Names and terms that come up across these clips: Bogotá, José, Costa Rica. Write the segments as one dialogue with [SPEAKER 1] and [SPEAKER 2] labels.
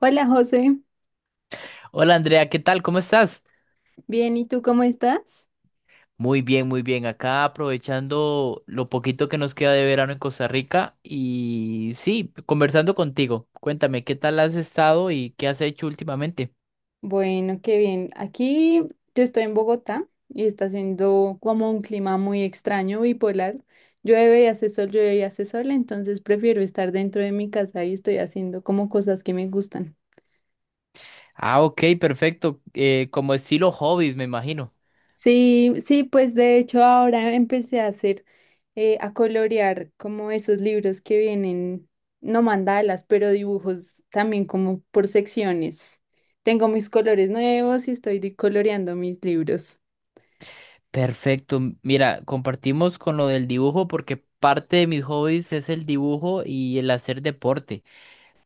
[SPEAKER 1] Hola José,
[SPEAKER 2] Hola Andrea, ¿qué tal? ¿Cómo estás?
[SPEAKER 1] bien, ¿y tú cómo estás?
[SPEAKER 2] Muy bien, muy bien. Acá aprovechando lo poquito que nos queda de verano en Costa Rica y sí, conversando contigo. Cuéntame, ¿qué tal has estado y qué has hecho últimamente?
[SPEAKER 1] Bueno, qué bien. Aquí yo estoy en Bogotá y está haciendo como un clima muy extraño, bipolar. Llueve y hace sol, llueve y hace sol, entonces prefiero estar dentro de mi casa y estoy haciendo como cosas que me gustan.
[SPEAKER 2] Ah, ok, perfecto. Como estilo hobbies, me imagino.
[SPEAKER 1] Sí, sí, pues de hecho ahora empecé a hacer, a colorear como esos libros que vienen, no mandalas, pero dibujos también como por secciones. Tengo mis colores nuevos y coloreando mis libros.
[SPEAKER 2] Perfecto. Mira, compartimos con lo del dibujo porque parte de mis hobbies es el dibujo y el hacer deporte.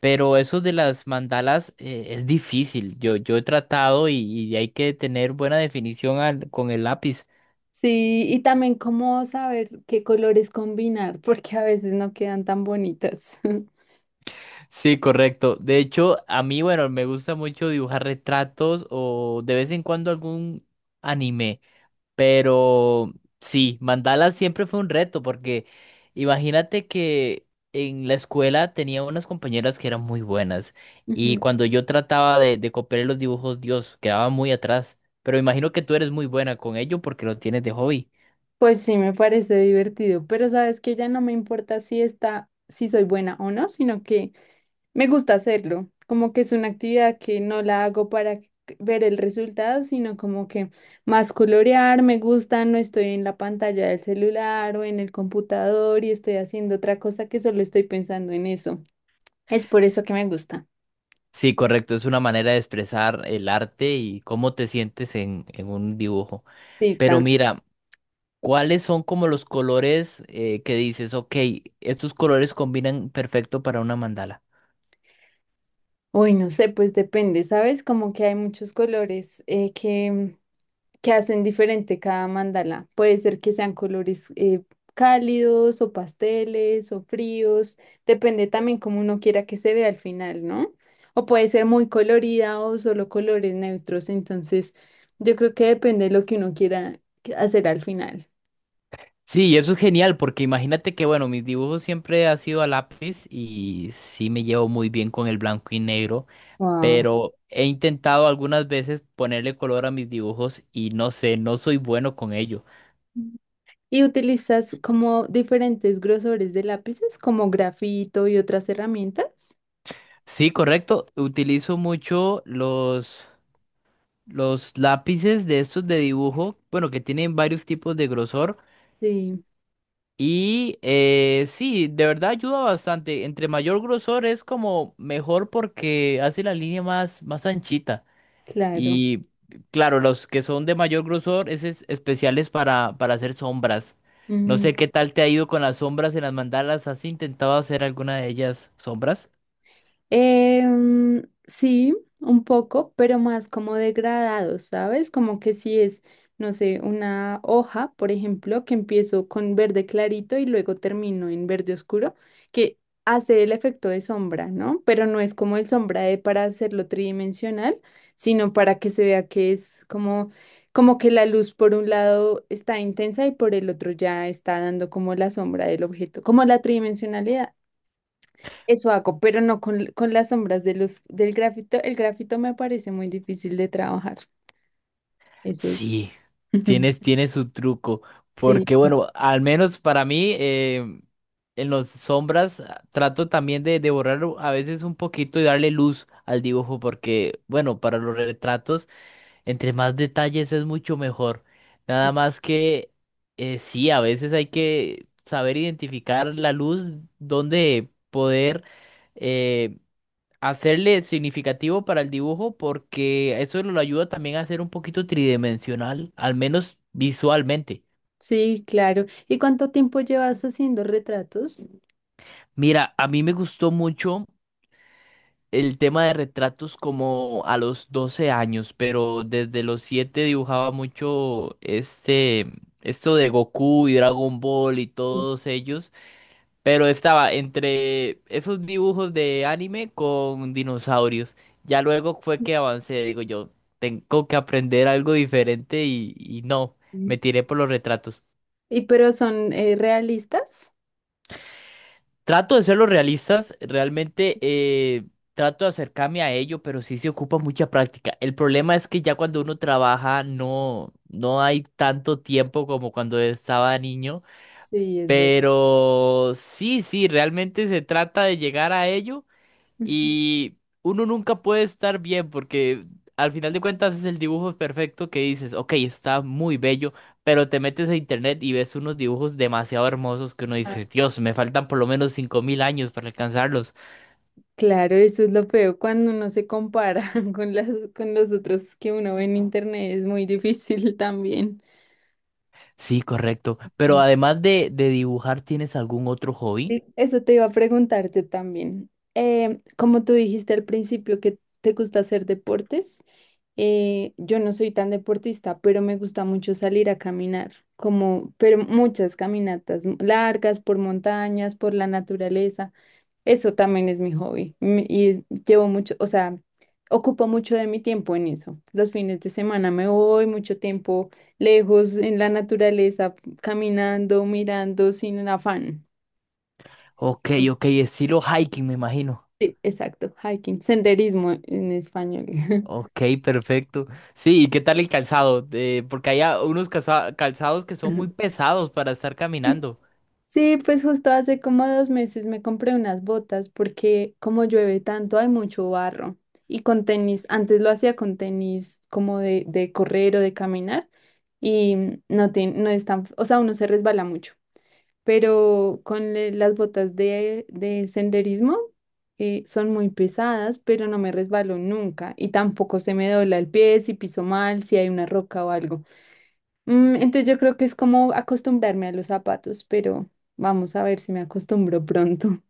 [SPEAKER 2] Pero eso de las mandalas es difícil. Yo he tratado y hay que tener buena definición con el lápiz.
[SPEAKER 1] Sí, y también cómo saber qué colores combinar, porque a veces no quedan tan bonitas.
[SPEAKER 2] Sí, correcto. De hecho, a mí, bueno, me gusta mucho dibujar retratos o de vez en cuando algún anime. Pero sí, mandala siempre fue un reto porque imagínate que en la escuela tenía unas compañeras que eran muy buenas y
[SPEAKER 1] Ujú.
[SPEAKER 2] cuando yo trataba de copiar los dibujos, Dios, quedaba muy atrás. Pero imagino que tú eres muy buena con ello porque lo tienes de hobby.
[SPEAKER 1] Pues sí, me parece divertido, pero sabes que ya no me importa si está, si soy buena o no, sino que me gusta hacerlo, como que es una actividad que no la hago ver el resultado, sino como que más colorear, me gusta, no estoy en la pantalla del celular o en el computador y estoy haciendo otra cosa que solo estoy pensando en eso. Es por eso que me gusta.
[SPEAKER 2] Sí, correcto, es una manera de expresar el arte y cómo te sientes en un dibujo.
[SPEAKER 1] Sí,
[SPEAKER 2] Pero
[SPEAKER 1] tam-
[SPEAKER 2] mira, ¿cuáles son como los colores que dices, ok, estos colores combinan perfecto para una mandala?
[SPEAKER 1] Uy, no sé, pues depende, ¿sabes? Como que hay muchos colores que hacen diferente cada mandala. Puede ser que sean colores cálidos o pasteles o fríos, depende también como uno quiera que se vea al final, ¿no? O puede ser muy colorida o solo colores neutros, entonces yo creo que depende de lo que uno quiera que- hacer al final.
[SPEAKER 2] Sí, y eso es genial porque imagínate que, bueno, mis dibujos siempre han sido a lápiz y sí me llevo muy bien con el blanco y negro,
[SPEAKER 1] Wow.
[SPEAKER 2] pero he intentado algunas veces ponerle color a mis dibujos y no sé, no soy bueno con ello.
[SPEAKER 1] Y utilizas como diferentes grosores de lápices, como grafito y otras herramientas.
[SPEAKER 2] Sí, correcto, utilizo mucho los lápices de estos de dibujo, bueno, que tienen varios tipos de grosor
[SPEAKER 1] Sí,
[SPEAKER 2] y sí, de verdad ayuda bastante. Entre mayor grosor es como mejor porque hace la línea más anchita.
[SPEAKER 1] claro.
[SPEAKER 2] Y claro, los que son de mayor grosor, ese es especiales para hacer sombras. No sé qué tal te ha ido con las sombras en las mandalas. ¿Has intentado hacer alguna de ellas sombras?
[SPEAKER 1] Sí, un poco, pero más como degradado, ¿sabes? Como que si es, no sé, una hoja, por ejemplo, que empiezo con verde clarito y luego termino en verde oscuro, que hace el efecto de sombra, ¿no? Pero no es como el sombra de para hacerlo tridimensional, sino para que se vea que es como, como que la luz por un lado está intensa y por el otro ya está dando como la sombra del objeto, como la tridimensionalidad. Eso hago, pero no con, con las sombras de los, del grafito. El grafito me parece muy difícil de trabajar. Eso es-
[SPEAKER 2] Sí, tiene su truco.
[SPEAKER 1] Sí,
[SPEAKER 2] Porque bueno, al menos para mí, en las sombras trato también de borrar a veces un poquito y darle luz al dibujo. Porque bueno, para los retratos. Entre más detalles es mucho mejor. Nada
[SPEAKER 1] sí,
[SPEAKER 2] más que sí, a veces hay que saber identificar la luz, donde poder eh, hacerle significativo para el dibujo, porque eso lo ayuda también a ser un poquito tridimensional, al menos visualmente.
[SPEAKER 1] sí, claro. ¿Y cuánto tiempo llevas haciendo retratos?
[SPEAKER 2] Mira, a mí me gustó mucho el tema de retratos como a los 12 años, pero desde los 7 dibujaba mucho esto de Goku y Dragon Ball y
[SPEAKER 1] Sí.
[SPEAKER 2] todos ellos, pero estaba entre esos dibujos de anime con dinosaurios. Ya luego fue que avancé, digo yo, tengo que aprender algo diferente y no,
[SPEAKER 1] Ujú.
[SPEAKER 2] me tiré por los retratos.
[SPEAKER 1] ¿Y pero son realistas?
[SPEAKER 2] Trato de ser los realistas, realmente trato de acercarme a ello, pero sí se ocupa mucha práctica. El problema es que ya cuando uno trabaja no hay tanto tiempo como cuando estaba niño,
[SPEAKER 1] Sí, es verdad.
[SPEAKER 2] pero sí, sí, realmente se trata de llegar a ello.
[SPEAKER 1] Ujú.
[SPEAKER 2] Y uno nunca puede estar bien porque al final de cuentas es el dibujo perfecto que dices, ok, está muy bello, pero te metes a internet y ves unos dibujos demasiado hermosos que uno
[SPEAKER 1] Ah,
[SPEAKER 2] dice, Dios, me faltan por lo menos 5.000 años para alcanzarlos.
[SPEAKER 1] claro, eso es lo feo cuando uno se compara con las, con los otros que uno ve en internet, es muy difícil también.
[SPEAKER 2] Sí, correcto. Pero además de dibujar, ¿tienes algún otro hobby?
[SPEAKER 1] Sí, eso te iba a preguntar yo también. Como tú dijiste al principio que te gusta hacer deportes, yo no soy tan deportista, pero me gusta mucho salir a caminar, como, pero muchas largas por montañas, por la naturaleza. Eso también es mi hobby, mm, y llevo mucho, o sea, ocupo mucho de mi tiempo en eso. Los fines de semana me voy mucho tiempo lejos en la naturaleza, caminando, mirando sin afán.
[SPEAKER 2] Ok, ok, estilo hiking, me imagino.
[SPEAKER 1] Sí, exacto, hiking, senderismo en español.
[SPEAKER 2] Ok, perfecto. Sí, ¿y qué tal el calzado? Porque hay unos calzados que son muy pesados para estar
[SPEAKER 1] Sí,
[SPEAKER 2] caminando.
[SPEAKER 1] sí, pues justo hace como dos meses me compré unas botas porque como llueve tanto hay mucho barro y con tenis, antes lo hacía con tenis como de correr o de caminar y mm, no, te, no es tan, o sea, uno se resbala mucho, pero las botas de senderismo, son muy pesadas, pero no me resbalo nunca y tampoco se me dobla el pie si piso mal, si hay una roca o algo. Mm, entonces yo creo que es como acostumbrarme a los zapatos, pero vamos a ver si me acostumbro pronto.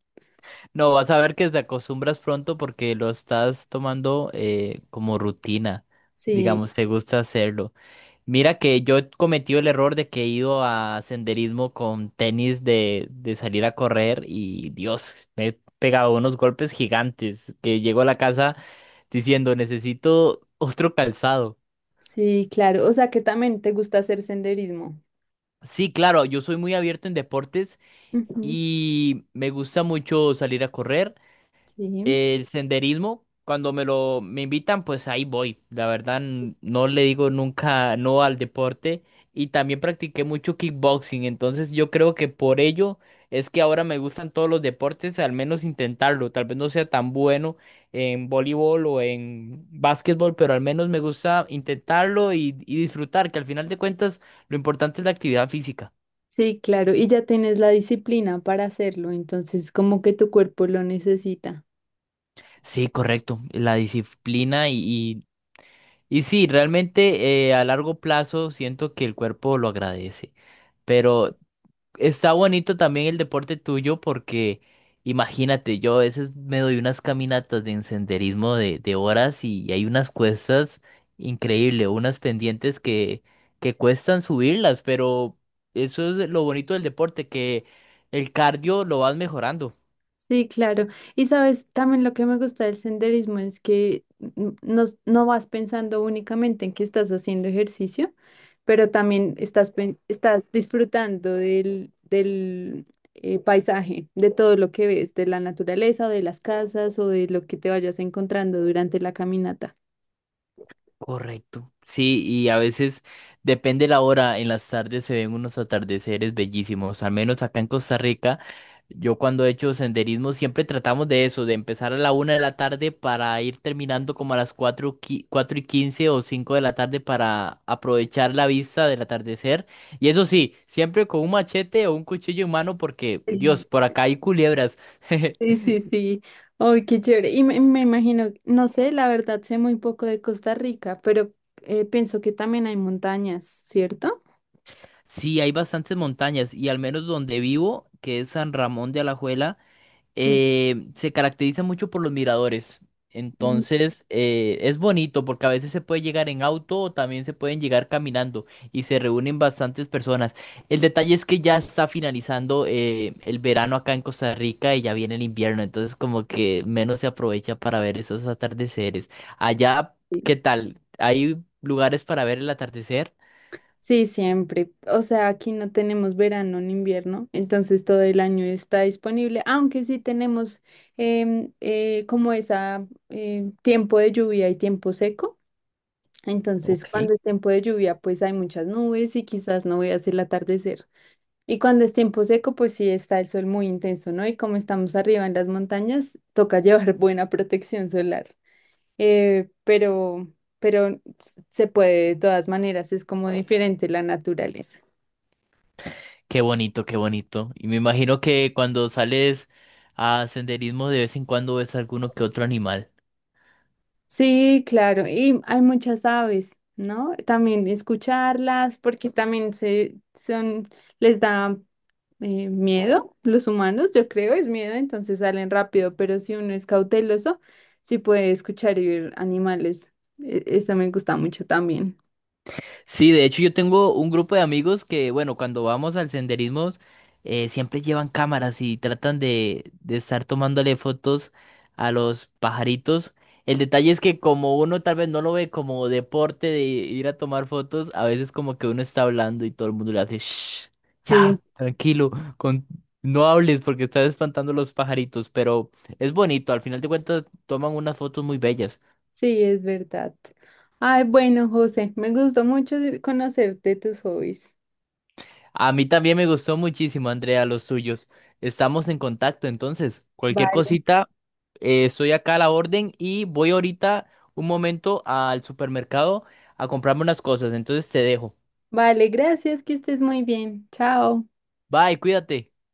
[SPEAKER 2] No, vas a ver que te acostumbras pronto porque lo estás tomando como rutina.
[SPEAKER 1] Sí,
[SPEAKER 2] Digamos, te gusta hacerlo. Mira que yo he cometido el error de que he ido a senderismo con tenis de salir a correr y Dios, me he pegado unos golpes gigantes que llego a la casa diciendo, necesito otro calzado.
[SPEAKER 1] sí, claro. O sea que también te gusta hacer senderismo.
[SPEAKER 2] Sí, claro, yo soy muy abierto en deportes
[SPEAKER 1] Ujú.
[SPEAKER 2] y me gusta mucho salir a correr.
[SPEAKER 1] Sí,
[SPEAKER 2] El senderismo, cuando me invitan, pues ahí voy. La verdad, no le digo nunca no al deporte. Y también practiqué mucho kickboxing. Entonces yo creo que por ello es que ahora me gustan todos los deportes, al menos intentarlo. Tal vez no sea tan bueno en voleibol o en básquetbol, pero al menos me gusta intentarlo y disfrutar, que al final de cuentas lo importante es la actividad física.
[SPEAKER 1] sí, claro. Y ya tienes la disciplina para hacerlo, entonces como que tu cuerpo lo necesita.
[SPEAKER 2] Sí, correcto. La disciplina Y sí, realmente a largo plazo siento que el cuerpo lo agradece. Pero está bonito también el deporte tuyo porque imagínate, yo a veces me doy unas caminatas de senderismo de horas y hay unas cuestas increíbles, unas pendientes que cuestan subirlas, pero eso es lo bonito del deporte, que el cardio lo vas mejorando.
[SPEAKER 1] Sí, claro. Y sabes, también lo que me gusta del senderismo es que mm, no, no vas pensando únicamente en que estás haciendo ejercicio, pero también estás disfrutando del, del paisaje, de todo lo que ves, de la naturaleza o de las casas o de lo que te vayas encontrando durante la caminata.
[SPEAKER 2] Correcto. Sí, y a veces depende la hora, en las tardes se ven unos atardeceres bellísimos, al menos acá en Costa Rica. Yo cuando he hecho senderismo siempre tratamos de eso, de empezar a la 1 de la tarde para ir terminando como a las 4, 4:15 o 5 de la tarde para aprovechar la vista del atardecer. Y eso sí, siempre con un machete o un cuchillo en mano porque,
[SPEAKER 1] Sí,
[SPEAKER 2] Dios, por acá hay culebras.
[SPEAKER 1] sí, sí. Sí. Ay, qué chévere. Y me imagino, no sé, la verdad sé muy poco de Costa Rica, pero pienso que también hay montañas, ¿cierto?
[SPEAKER 2] Sí, hay bastantes montañas y al menos donde vivo, que es San Ramón de Alajuela,
[SPEAKER 1] Ujú.
[SPEAKER 2] se caracteriza mucho por los miradores. Entonces, es bonito porque a veces se puede llegar en auto o también se pueden llegar caminando y se reúnen bastantes personas. El detalle es que ya está finalizando el verano acá en Costa Rica y ya viene el invierno, entonces como que menos se aprovecha para ver esos atardeceres. Allá,
[SPEAKER 1] Sí,
[SPEAKER 2] ¿qué tal? ¿Hay lugares para ver el atardecer?
[SPEAKER 1] sí, siempre. O sea, aquí no tenemos verano ni invierno, entonces todo el año está disponible, aunque sí tenemos em, como esa em, tiempo de lluvia y tiempo seco. Entonces,
[SPEAKER 2] Ok.
[SPEAKER 1] cuando es tiempo de lluvia, pues hay muchas nubes y quizás no veas el atardecer. Y cuando es tiempo seco, pues sí está el sol muy intenso, ¿no? Y como estamos arriba en las montañas, toca llevar buena protección solar. eh, pero, pero se puede de todas maneras, es como diferente la naturaleza.
[SPEAKER 2] Qué bonito, qué bonito. Y me imagino que cuando sales a senderismo de vez en cuando ves alguno que otro animal.
[SPEAKER 1] Sí, claro, y hay muchas aves, ¿no? También escucharlas, porque también se son, les da miedo, los humanos, yo creo, es miedo, entonces salen rápido, pero si uno es cauteloso, sí puede escuchar y ver animales. Eso me gusta mucho también.
[SPEAKER 2] Sí, de hecho yo tengo un grupo de amigos que, bueno, cuando vamos al senderismo, siempre llevan cámaras y tratan de estar tomándole fotos a los pajaritos. El detalle es que como uno tal vez no lo ve como deporte de ir a tomar fotos, a veces como que uno está hablando y todo el mundo le hace, shh,
[SPEAKER 1] Sí.
[SPEAKER 2] ya, tranquilo, con... no hables porque estás espantando a los pajaritos, pero es bonito, al final de cuentas toman unas fotos muy bellas.
[SPEAKER 1] Sí, es verdad. Ay, bueno, José, me gustó mucho conocerte tus hobbies.
[SPEAKER 2] A mí también me gustó muchísimo, Andrea, los tuyos. Estamos en contacto, entonces, cualquier
[SPEAKER 1] Vale,
[SPEAKER 2] cosita, estoy acá a la orden y voy ahorita un momento al supermercado a comprarme unas cosas, entonces te dejo.
[SPEAKER 1] vale, gracias, que estés muy bien. Chao.
[SPEAKER 2] Bye, cuídate.